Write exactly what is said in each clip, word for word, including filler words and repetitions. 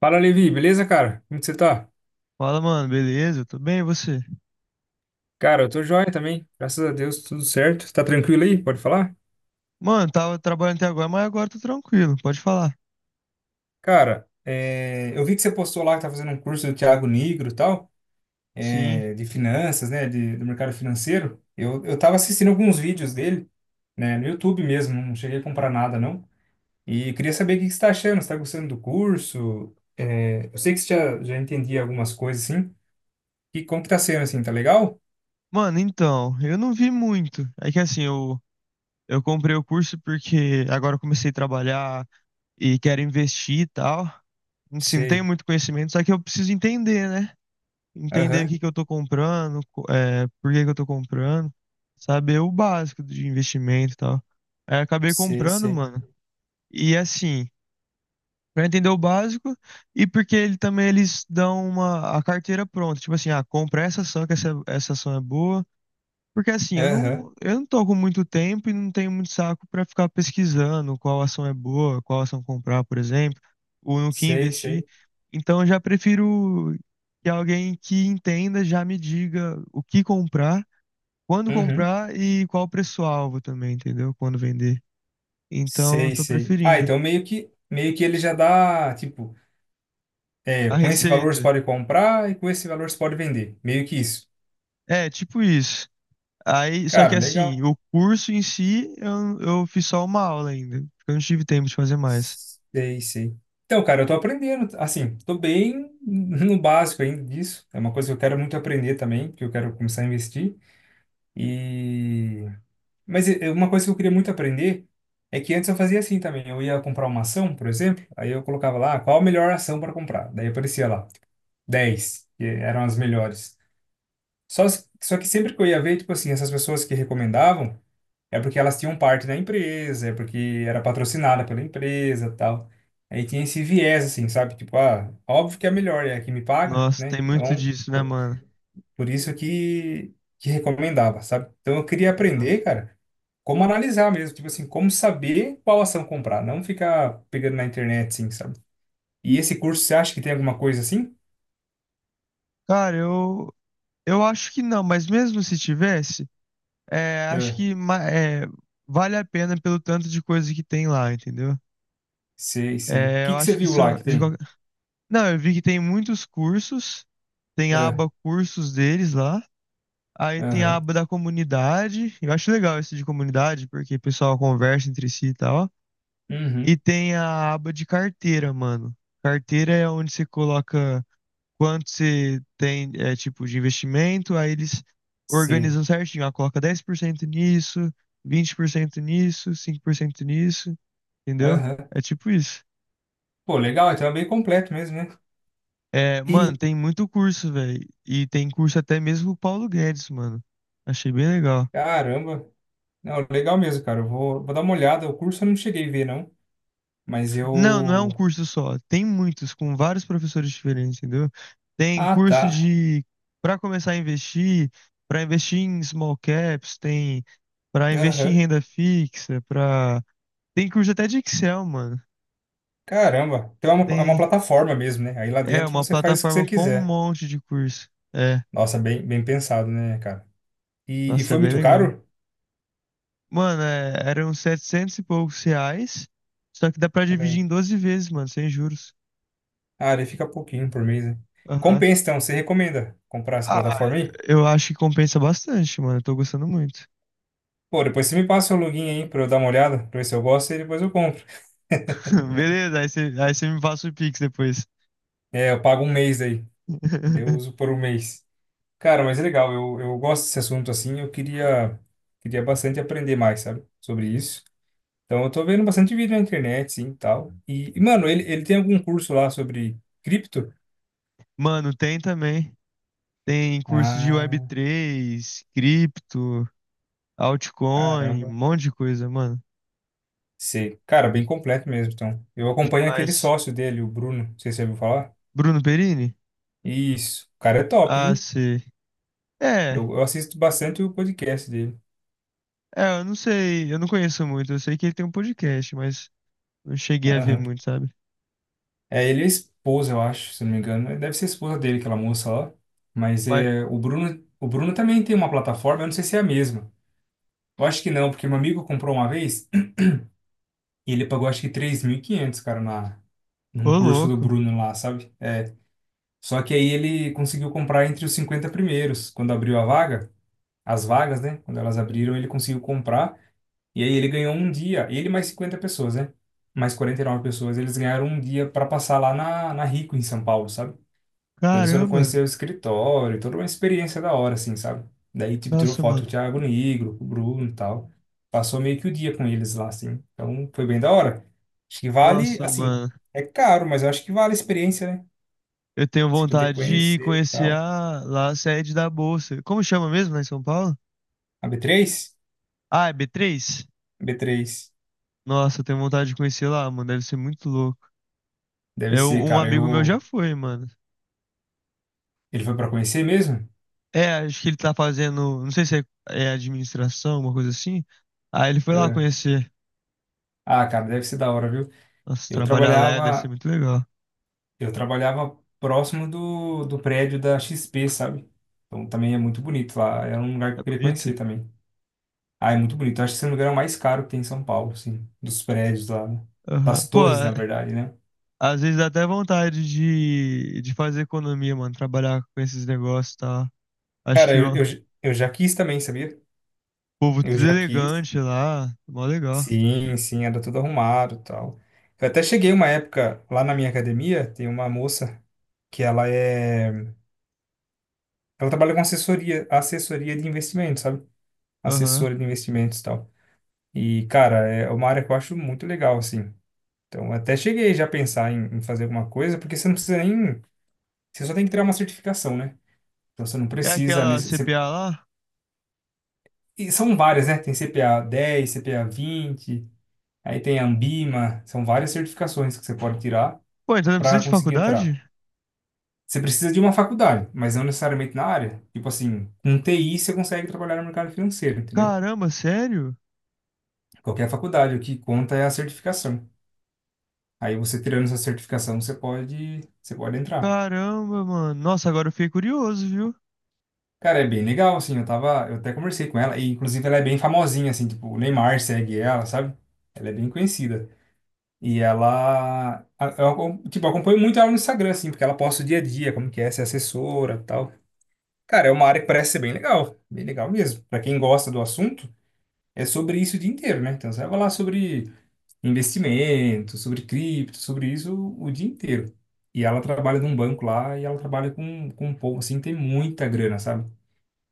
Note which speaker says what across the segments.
Speaker 1: Fala, Levi, beleza, cara? Como que você tá?
Speaker 2: Fala, mano, beleza? Eu Tô bem, e você?
Speaker 1: Cara, eu tô joia também, graças a Deus, tudo certo. Tá tranquilo aí? Pode falar?
Speaker 2: Mano, tava trabalhando até agora, mas agora tô tranquilo, pode falar.
Speaker 1: Cara, é, eu vi que você postou lá que tá fazendo um curso do Thiago Nigro e tal,
Speaker 2: Sim.
Speaker 1: é, de finanças, né, de- do mercado financeiro. Eu, eu tava assistindo alguns vídeos dele, né, no YouTube mesmo, não cheguei a comprar nada, não. E queria saber o que que você tá achando, você tá gostando do curso? É, eu sei que você já, já entendia algumas coisas, assim. E como que tá sendo, assim, tá legal?
Speaker 2: Mano, então, eu não vi muito. É que assim, eu, eu comprei o curso porque agora eu comecei a trabalhar e quero investir e tal. Assim, não tenho
Speaker 1: Sei.
Speaker 2: muito conhecimento, só que eu preciso entender, né? Entender o
Speaker 1: Aham,
Speaker 2: que que eu tô comprando, co- é, por que que eu tô comprando, saber o básico de investimento e tal. Aí eu acabei
Speaker 1: sei,
Speaker 2: comprando,
Speaker 1: sei.
Speaker 2: mano. E assim. Pra entender o básico e porque ele também eles dão uma a carteira pronta, tipo assim, ah, compra essa ação que essa, essa ação é boa, porque assim, eu
Speaker 1: Aham.
Speaker 2: não eu não tô com muito tempo e não tenho muito saco pra ficar pesquisando qual ação é boa, qual ação comprar, por exemplo, ou no que
Speaker 1: Sei,
Speaker 2: investir.
Speaker 1: sei.
Speaker 2: Então eu já prefiro que alguém que entenda já me diga o que comprar, quando
Speaker 1: Uhum.
Speaker 2: comprar e qual preço-alvo também, entendeu? Quando vender. Então eu
Speaker 1: Sei,
Speaker 2: tô
Speaker 1: sei. Ah,
Speaker 2: preferindo
Speaker 1: então meio que meio que ele já dá, tipo, é,
Speaker 2: a
Speaker 1: com esse valor você
Speaker 2: receita.
Speaker 1: pode comprar e com esse valor você pode vender. Meio que isso.
Speaker 2: É, tipo isso. Aí, só
Speaker 1: Cara,
Speaker 2: que
Speaker 1: legal.
Speaker 2: assim, o curso em si, eu, eu fiz só uma aula ainda, porque eu não tive tempo de fazer mais.
Speaker 1: Sei, sei. Então, cara, eu tô aprendendo, assim, tô bem no básico ainda disso. É uma coisa que eu quero muito aprender também, que eu quero começar a investir. E mas é- é uma coisa que eu queria muito aprender é que antes eu fazia assim também. Eu ia comprar uma ação, por exemplo, aí eu colocava lá qual a melhor ação para comprar. Daí aparecia lá dez que eram as melhores. Só, se- só que sempre que eu ia ver, tipo assim, essas pessoas que recomendavam, é porque elas tinham parte da empresa, é porque era patrocinada pela empresa, tal. Aí tinha esse viés, assim, sabe? Tipo, ah, óbvio que é a melhor, é a que me paga,
Speaker 2: Nossa,
Speaker 1: né?
Speaker 2: tem muito
Speaker 1: Então,
Speaker 2: disso, né,
Speaker 1: po-
Speaker 2: mano?
Speaker 1: por isso que, que recomendava, sabe? Então eu queria
Speaker 2: Aham.
Speaker 1: aprender, cara, como analisar mesmo, tipo assim, como saber qual ação comprar, não ficar pegando na internet, assim, sabe? E esse curso, você acha que tem alguma coisa assim?
Speaker 2: Cara, eu, eu acho que não, mas mesmo se tivesse, é, acho
Speaker 1: É,
Speaker 2: que ma- é, vale a pena pelo tanto de coisa que tem lá, entendeu?
Speaker 1: sei, sei. O
Speaker 2: É,
Speaker 1: que
Speaker 2: eu
Speaker 1: que você
Speaker 2: acho que
Speaker 1: viu lá
Speaker 2: são.
Speaker 1: que
Speaker 2: de
Speaker 1: tem?
Speaker 2: qualquer- Não, eu vi que tem muitos cursos, tem a
Speaker 1: Ah,
Speaker 2: aba cursos deles lá. Aí tem a
Speaker 1: aham.
Speaker 2: aba da comunidade. Eu acho legal esse de comunidade, porque o pessoal conversa entre si e tal. E
Speaker 1: Uhum.
Speaker 2: tem a aba de carteira, mano. Carteira é onde você coloca quanto você tem, é, tipo, de investimento, aí eles
Speaker 1: Sei.
Speaker 2: organizam certinho. Ah, coloca dez por cento nisso, vinte por cento nisso, cinco por cento nisso, entendeu?
Speaker 1: Aham.
Speaker 2: É tipo isso.
Speaker 1: Pô, legal, então é bem completo mesmo, né?
Speaker 2: É, mano,
Speaker 1: E,
Speaker 2: tem muito curso, velho. E tem curso até mesmo o Paulo Guedes, mano. Achei bem legal.
Speaker 1: Caramba. Não, legal mesmo, cara. Eu vou, vou dar uma olhada. O curso eu não cheguei a ver, não. Mas
Speaker 2: Não, não é um
Speaker 1: eu.
Speaker 2: curso só. Tem muitos, com vários professores diferentes, entendeu? Tem
Speaker 1: Ah,
Speaker 2: curso
Speaker 1: tá.
Speaker 2: de para começar a investir, para investir em small caps, tem para investir em
Speaker 1: Aham.
Speaker 2: renda fixa, para tem curso até de Excel, mano.
Speaker 1: Caramba. Então é uma, é uma
Speaker 2: Tem
Speaker 1: plataforma mesmo, né? Aí lá
Speaker 2: é
Speaker 1: dentro
Speaker 2: uma
Speaker 1: você faz o que
Speaker 2: plataforma
Speaker 1: você
Speaker 2: com um
Speaker 1: quiser.
Speaker 2: monte de curso. É,
Speaker 1: Nossa, bem, bem pensado, né, cara? E, e
Speaker 2: nossa, é
Speaker 1: foi
Speaker 2: bem
Speaker 1: muito
Speaker 2: legal.
Speaker 1: caro?
Speaker 2: Mano, é, eram setecentos e poucos reais, só que dá pra dividir
Speaker 1: É.
Speaker 2: em doze vezes, mano, sem juros.
Speaker 1: Ah, ele fica pouquinho por mês, né?
Speaker 2: Aham.
Speaker 1: Compensa, então. Você recomenda comprar essa
Speaker 2: Ah,
Speaker 1: plataforma aí?
Speaker 2: eu acho que compensa bastante, mano. Eu tô gostando muito.
Speaker 1: Pô, depois você me passa o login aí pra eu dar uma olhada, pra ver se eu gosto e depois eu compro.
Speaker 2: Beleza, aí você, aí você me passa o Pix depois.
Speaker 1: É, eu pago um mês aí. Eu uso por um mês. Cara, mas é legal, eu, eu gosto desse assunto assim, eu queria, queria, bastante aprender mais, sabe, sobre isso. Então eu tô vendo bastante vídeo na internet, sim, e tal. E, e, mano, ele, ele tem algum curso lá sobre cripto?
Speaker 2: Mano, tem também. Tem curso de web
Speaker 1: Ah,
Speaker 2: três cripto, altcoin, um
Speaker 1: caramba.
Speaker 2: monte de coisa, mano.
Speaker 1: Sei. Cara, bem completo mesmo, então. Eu acompanho aquele
Speaker 2: Demais.
Speaker 1: sócio dele, o Bruno, não sei se você ouviu falar.
Speaker 2: Bruno Perini?
Speaker 1: Isso. O cara é top,
Speaker 2: Ah,
Speaker 1: viu?
Speaker 2: sei. É,
Speaker 1: Eu, eu assisto bastante o podcast dele.
Speaker 2: é, eu não sei, eu não conheço muito. Eu sei que ele tem um podcast, mas não cheguei a ver
Speaker 1: Aham.
Speaker 2: muito, sabe?
Speaker 1: É, ele é esposa, eu acho, se não me engano. Deve ser a esposa dele, aquela moça lá. Mas
Speaker 2: Mas,
Speaker 1: é, o Bruno, o Bruno também tem uma plataforma, eu não sei se é a mesma. Eu acho que não, porque meu amigo comprou uma vez e ele pagou acho que três mil e quinhentos cara, na, num
Speaker 2: ô
Speaker 1: curso do
Speaker 2: louco,
Speaker 1: Bruno lá, sabe? É, só que aí ele conseguiu comprar entre os cinquenta primeiros. Quando abriu a vaga, as vagas, né? Quando elas abriram, ele conseguiu comprar. E aí ele ganhou um dia, ele mais cinquenta pessoas, né? Mais quarenta e nove pessoas, eles ganharam um dia para passar lá na, na Rico, em São Paulo, sabe? Então, eles foram
Speaker 2: caramba.
Speaker 1: conhecer o escritório, toda uma experiência da hora, assim, sabe? Daí, tipo, tirou
Speaker 2: Nossa,
Speaker 1: foto com o
Speaker 2: mano.
Speaker 1: Thiago Nigro, com o Bruno e tal. Passou meio que o dia com eles lá, assim. Então, foi bem da hora. Acho que vale,
Speaker 2: Nossa,
Speaker 1: assim,
Speaker 2: mano.
Speaker 1: é caro, mas eu acho que vale a experiência, né?
Speaker 2: Eu tenho
Speaker 1: Se poder
Speaker 2: vontade de ir
Speaker 1: conhecer e
Speaker 2: conhecer
Speaker 1: tal.
Speaker 2: a, lá a sede da Bolsa. Como chama mesmo, lá em São Paulo?
Speaker 1: A b três,
Speaker 2: Ah, é b três.
Speaker 1: a b três.
Speaker 2: Nossa, eu tenho vontade de conhecer lá, mano. Deve ser muito louco.
Speaker 1: Deve
Speaker 2: É,
Speaker 1: ser,
Speaker 2: um, um
Speaker 1: cara,
Speaker 2: amigo meu já
Speaker 1: eu...
Speaker 2: foi, mano.
Speaker 1: Ele foi pra conhecer mesmo?
Speaker 2: É, acho que ele tá fazendo. Não sei se é, é administração, alguma coisa assim. Aí ele foi lá
Speaker 1: É.
Speaker 2: conhecer.
Speaker 1: Ah, cara, deve ser da hora, viu?
Speaker 2: Nossa,
Speaker 1: Eu
Speaker 2: trabalhar lá é, deve ser
Speaker 1: trabalhava
Speaker 2: muito legal.
Speaker 1: Eu trabalhava próximo do, do prédio da X P, sabe? Então também é muito bonito lá. Era um lugar que
Speaker 2: É
Speaker 1: eu queria
Speaker 2: bonito?
Speaker 1: conhecer também. Ah, é muito bonito. Eu acho que esse lugar é o mais caro que tem em São Paulo, assim. Dos prédios lá, né?
Speaker 2: Aham.
Speaker 1: Das
Speaker 2: Pô,
Speaker 1: torres, na
Speaker 2: é-
Speaker 1: verdade, né?
Speaker 2: às vezes dá até vontade de, de, fazer economia, mano. Trabalhar com esses negócios e tal. Acho
Speaker 1: Cara,
Speaker 2: que ó,
Speaker 1: eu,
Speaker 2: o
Speaker 1: eu, j- eu já quis também, sabia?
Speaker 2: povo
Speaker 1: Eu
Speaker 2: tudo
Speaker 1: já quis.
Speaker 2: elegante lá. Mó legal.
Speaker 1: Sim, sim, era tudo arrumado e tal. Eu até cheguei uma época lá na minha academia, tem uma moça que ela é. Ela trabalha com assessoria, assessoria de investimentos, sabe?
Speaker 2: Aham.
Speaker 1: Assessora de investimentos e tal. E, cara, é uma área que eu acho muito legal, assim. Então, até cheguei já a pensar em, em fazer alguma coisa, porque você não precisa nem. Você só tem que tirar uma certificação, né? Então, você não
Speaker 2: É
Speaker 1: precisa.
Speaker 2: aquela
Speaker 1: Nesse- você-
Speaker 2: C P A lá?
Speaker 1: e são várias, né? Tem C P A dez, C P A vinte, aí tem a Ambima. São várias certificações que você pode tirar
Speaker 2: Pô, então não precisa
Speaker 1: para
Speaker 2: de
Speaker 1: conseguir entrar.
Speaker 2: faculdade?
Speaker 1: Você precisa de uma faculdade, mas não necessariamente na área. Tipo assim, com T I você consegue trabalhar no mercado financeiro, entendeu?
Speaker 2: Caramba, sério?
Speaker 1: Qualquer faculdade, o que conta é a certificação. Aí você tirando essa certificação, você pode, você pode entrar.
Speaker 2: Caramba, mano. Nossa, agora eu fiquei curioso, viu?
Speaker 1: Cara, é bem legal, assim, eu tava, eu até conversei com ela, e inclusive ela é bem famosinha, assim, tipo, o Neymar segue ela, sabe? Ela é bem conhecida. E ela, a- eu, acom- tipo, eu acompanho muito ela no Instagram, assim, porque ela posta o dia a dia, como que é, ser assessora e tal. Cara, é uma área que parece ser bem legal, bem legal mesmo. Pra quem gosta do assunto, é sobre isso o dia inteiro, né? Então você vai falar sobre investimento, sobre cripto, sobre isso o dia inteiro. E ela trabalha num banco lá, e ela trabalha com, com um povo, assim, que tem muita grana, sabe?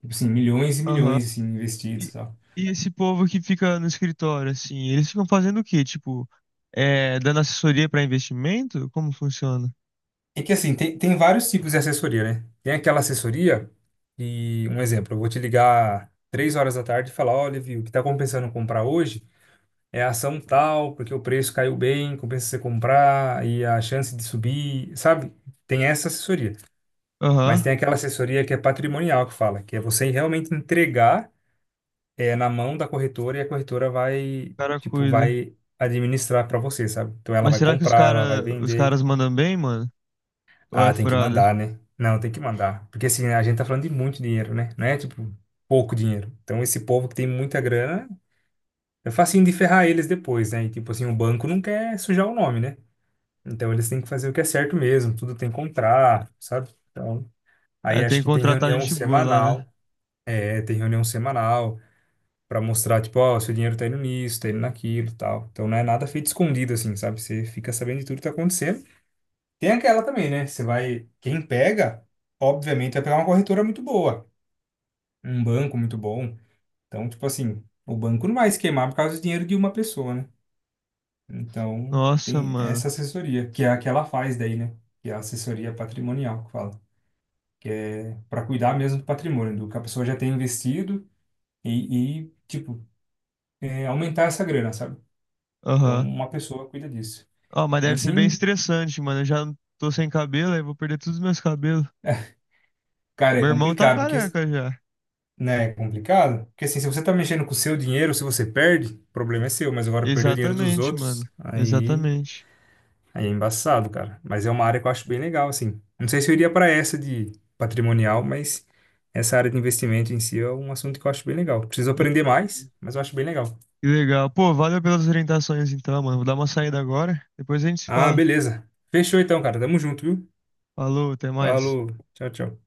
Speaker 1: Tipo assim, milhões e
Speaker 2: Aham.
Speaker 1: milhões assim, investidos e
Speaker 2: E,
Speaker 1: tal.
Speaker 2: e esse povo que fica no escritório, assim, eles ficam fazendo o quê? Tipo, é, dando assessoria pra investimento? Como funciona?
Speaker 1: É que assim, tem, tem vários tipos de assessoria, né? Tem aquela assessoria e, um exemplo, eu vou te ligar três horas da tarde e falar, olha, viu, o que tá compensando comprar hoje é a ação tal, porque o preço caiu bem, compensa você comprar e a chance de subir, sabe? Tem essa assessoria. Mas
Speaker 2: Aham.
Speaker 1: tem aquela assessoria que é patrimonial que fala, que é você realmente entregar é, na mão da corretora e a corretora
Speaker 2: O
Speaker 1: vai,
Speaker 2: cara
Speaker 1: tipo,
Speaker 2: cuida.
Speaker 1: vai administrar para você, sabe? Então ela
Speaker 2: Mas
Speaker 1: vai
Speaker 2: será que os
Speaker 1: comprar, ela vai
Speaker 2: cara, os
Speaker 1: vender.
Speaker 2: caras mandam bem, mano? Ou é
Speaker 1: Ah, tem que
Speaker 2: furada?
Speaker 1: mandar, né? Não, tem que mandar. Porque assim, a gente tá falando de muito dinheiro, né? Não é tipo pouco dinheiro. Então, esse povo que tem muita grana, é facinho de ferrar eles depois, né? E tipo assim, o banco não quer sujar o nome, né? Então, eles têm que fazer o que é certo mesmo, tudo tem contrato, sabe? Então, aí
Speaker 2: É, tem
Speaker 1: acho
Speaker 2: que
Speaker 1: que tem
Speaker 2: contratar
Speaker 1: reunião
Speaker 2: gente boa lá, né?
Speaker 1: semanal. É, tem reunião semanal pra mostrar, tipo, ó, seu dinheiro tá indo nisso, tá indo naquilo e tal. Então, não é nada feito escondido, assim, sabe? Você fica sabendo de tudo que tá acontecendo. Tem aquela também, né? Você vai. Quem pega, obviamente, vai pegar uma corretora muito boa, um banco muito bom. Então, tipo assim, o banco não vai se queimar por causa do dinheiro de uma pessoa, né? Então,
Speaker 2: Nossa,
Speaker 1: tem
Speaker 2: mano.
Speaker 1: essa assessoria, que é a que ela faz daí, né? Que é a assessoria patrimonial que fala. Que é para cuidar mesmo do patrimônio, do que a pessoa já tem investido e, e, tipo, é, aumentar essa grana, sabe? Então,
Speaker 2: Aham.
Speaker 1: uma pessoa cuida disso.
Speaker 2: Ó, mas deve
Speaker 1: Mas
Speaker 2: ser bem
Speaker 1: sim,
Speaker 2: estressante, mano. Eu já tô sem cabelo, aí vou perder todos os meus cabelos.
Speaker 1: cara, é
Speaker 2: Meu irmão tá
Speaker 1: complicado, porque
Speaker 2: careca já.
Speaker 1: né, é complicado. Porque assim, se você tá mexendo com o seu dinheiro, se você perde, o problema é seu, mas agora perder o dinheiro dos
Speaker 2: Exatamente,
Speaker 1: outros,
Speaker 2: mano.
Speaker 1: aí,
Speaker 2: Exatamente.
Speaker 1: aí é embaçado, cara. Mas é uma área que eu acho bem legal, assim. Não sei se eu iria para essa de patrimonial, mas essa área de investimento em si é um assunto que eu acho bem legal. Preciso aprender mais,
Speaker 2: Entendi.
Speaker 1: mas eu acho bem legal.
Speaker 2: Que legal. Pô, valeu pelas orientações então, mano. Vou dar uma saída agora. Depois a gente se
Speaker 1: Ah,
Speaker 2: fala.
Speaker 1: beleza. Fechou então, cara. Tamo junto, viu?
Speaker 2: Falou, até mais.
Speaker 1: Falou. Tchau, tchau.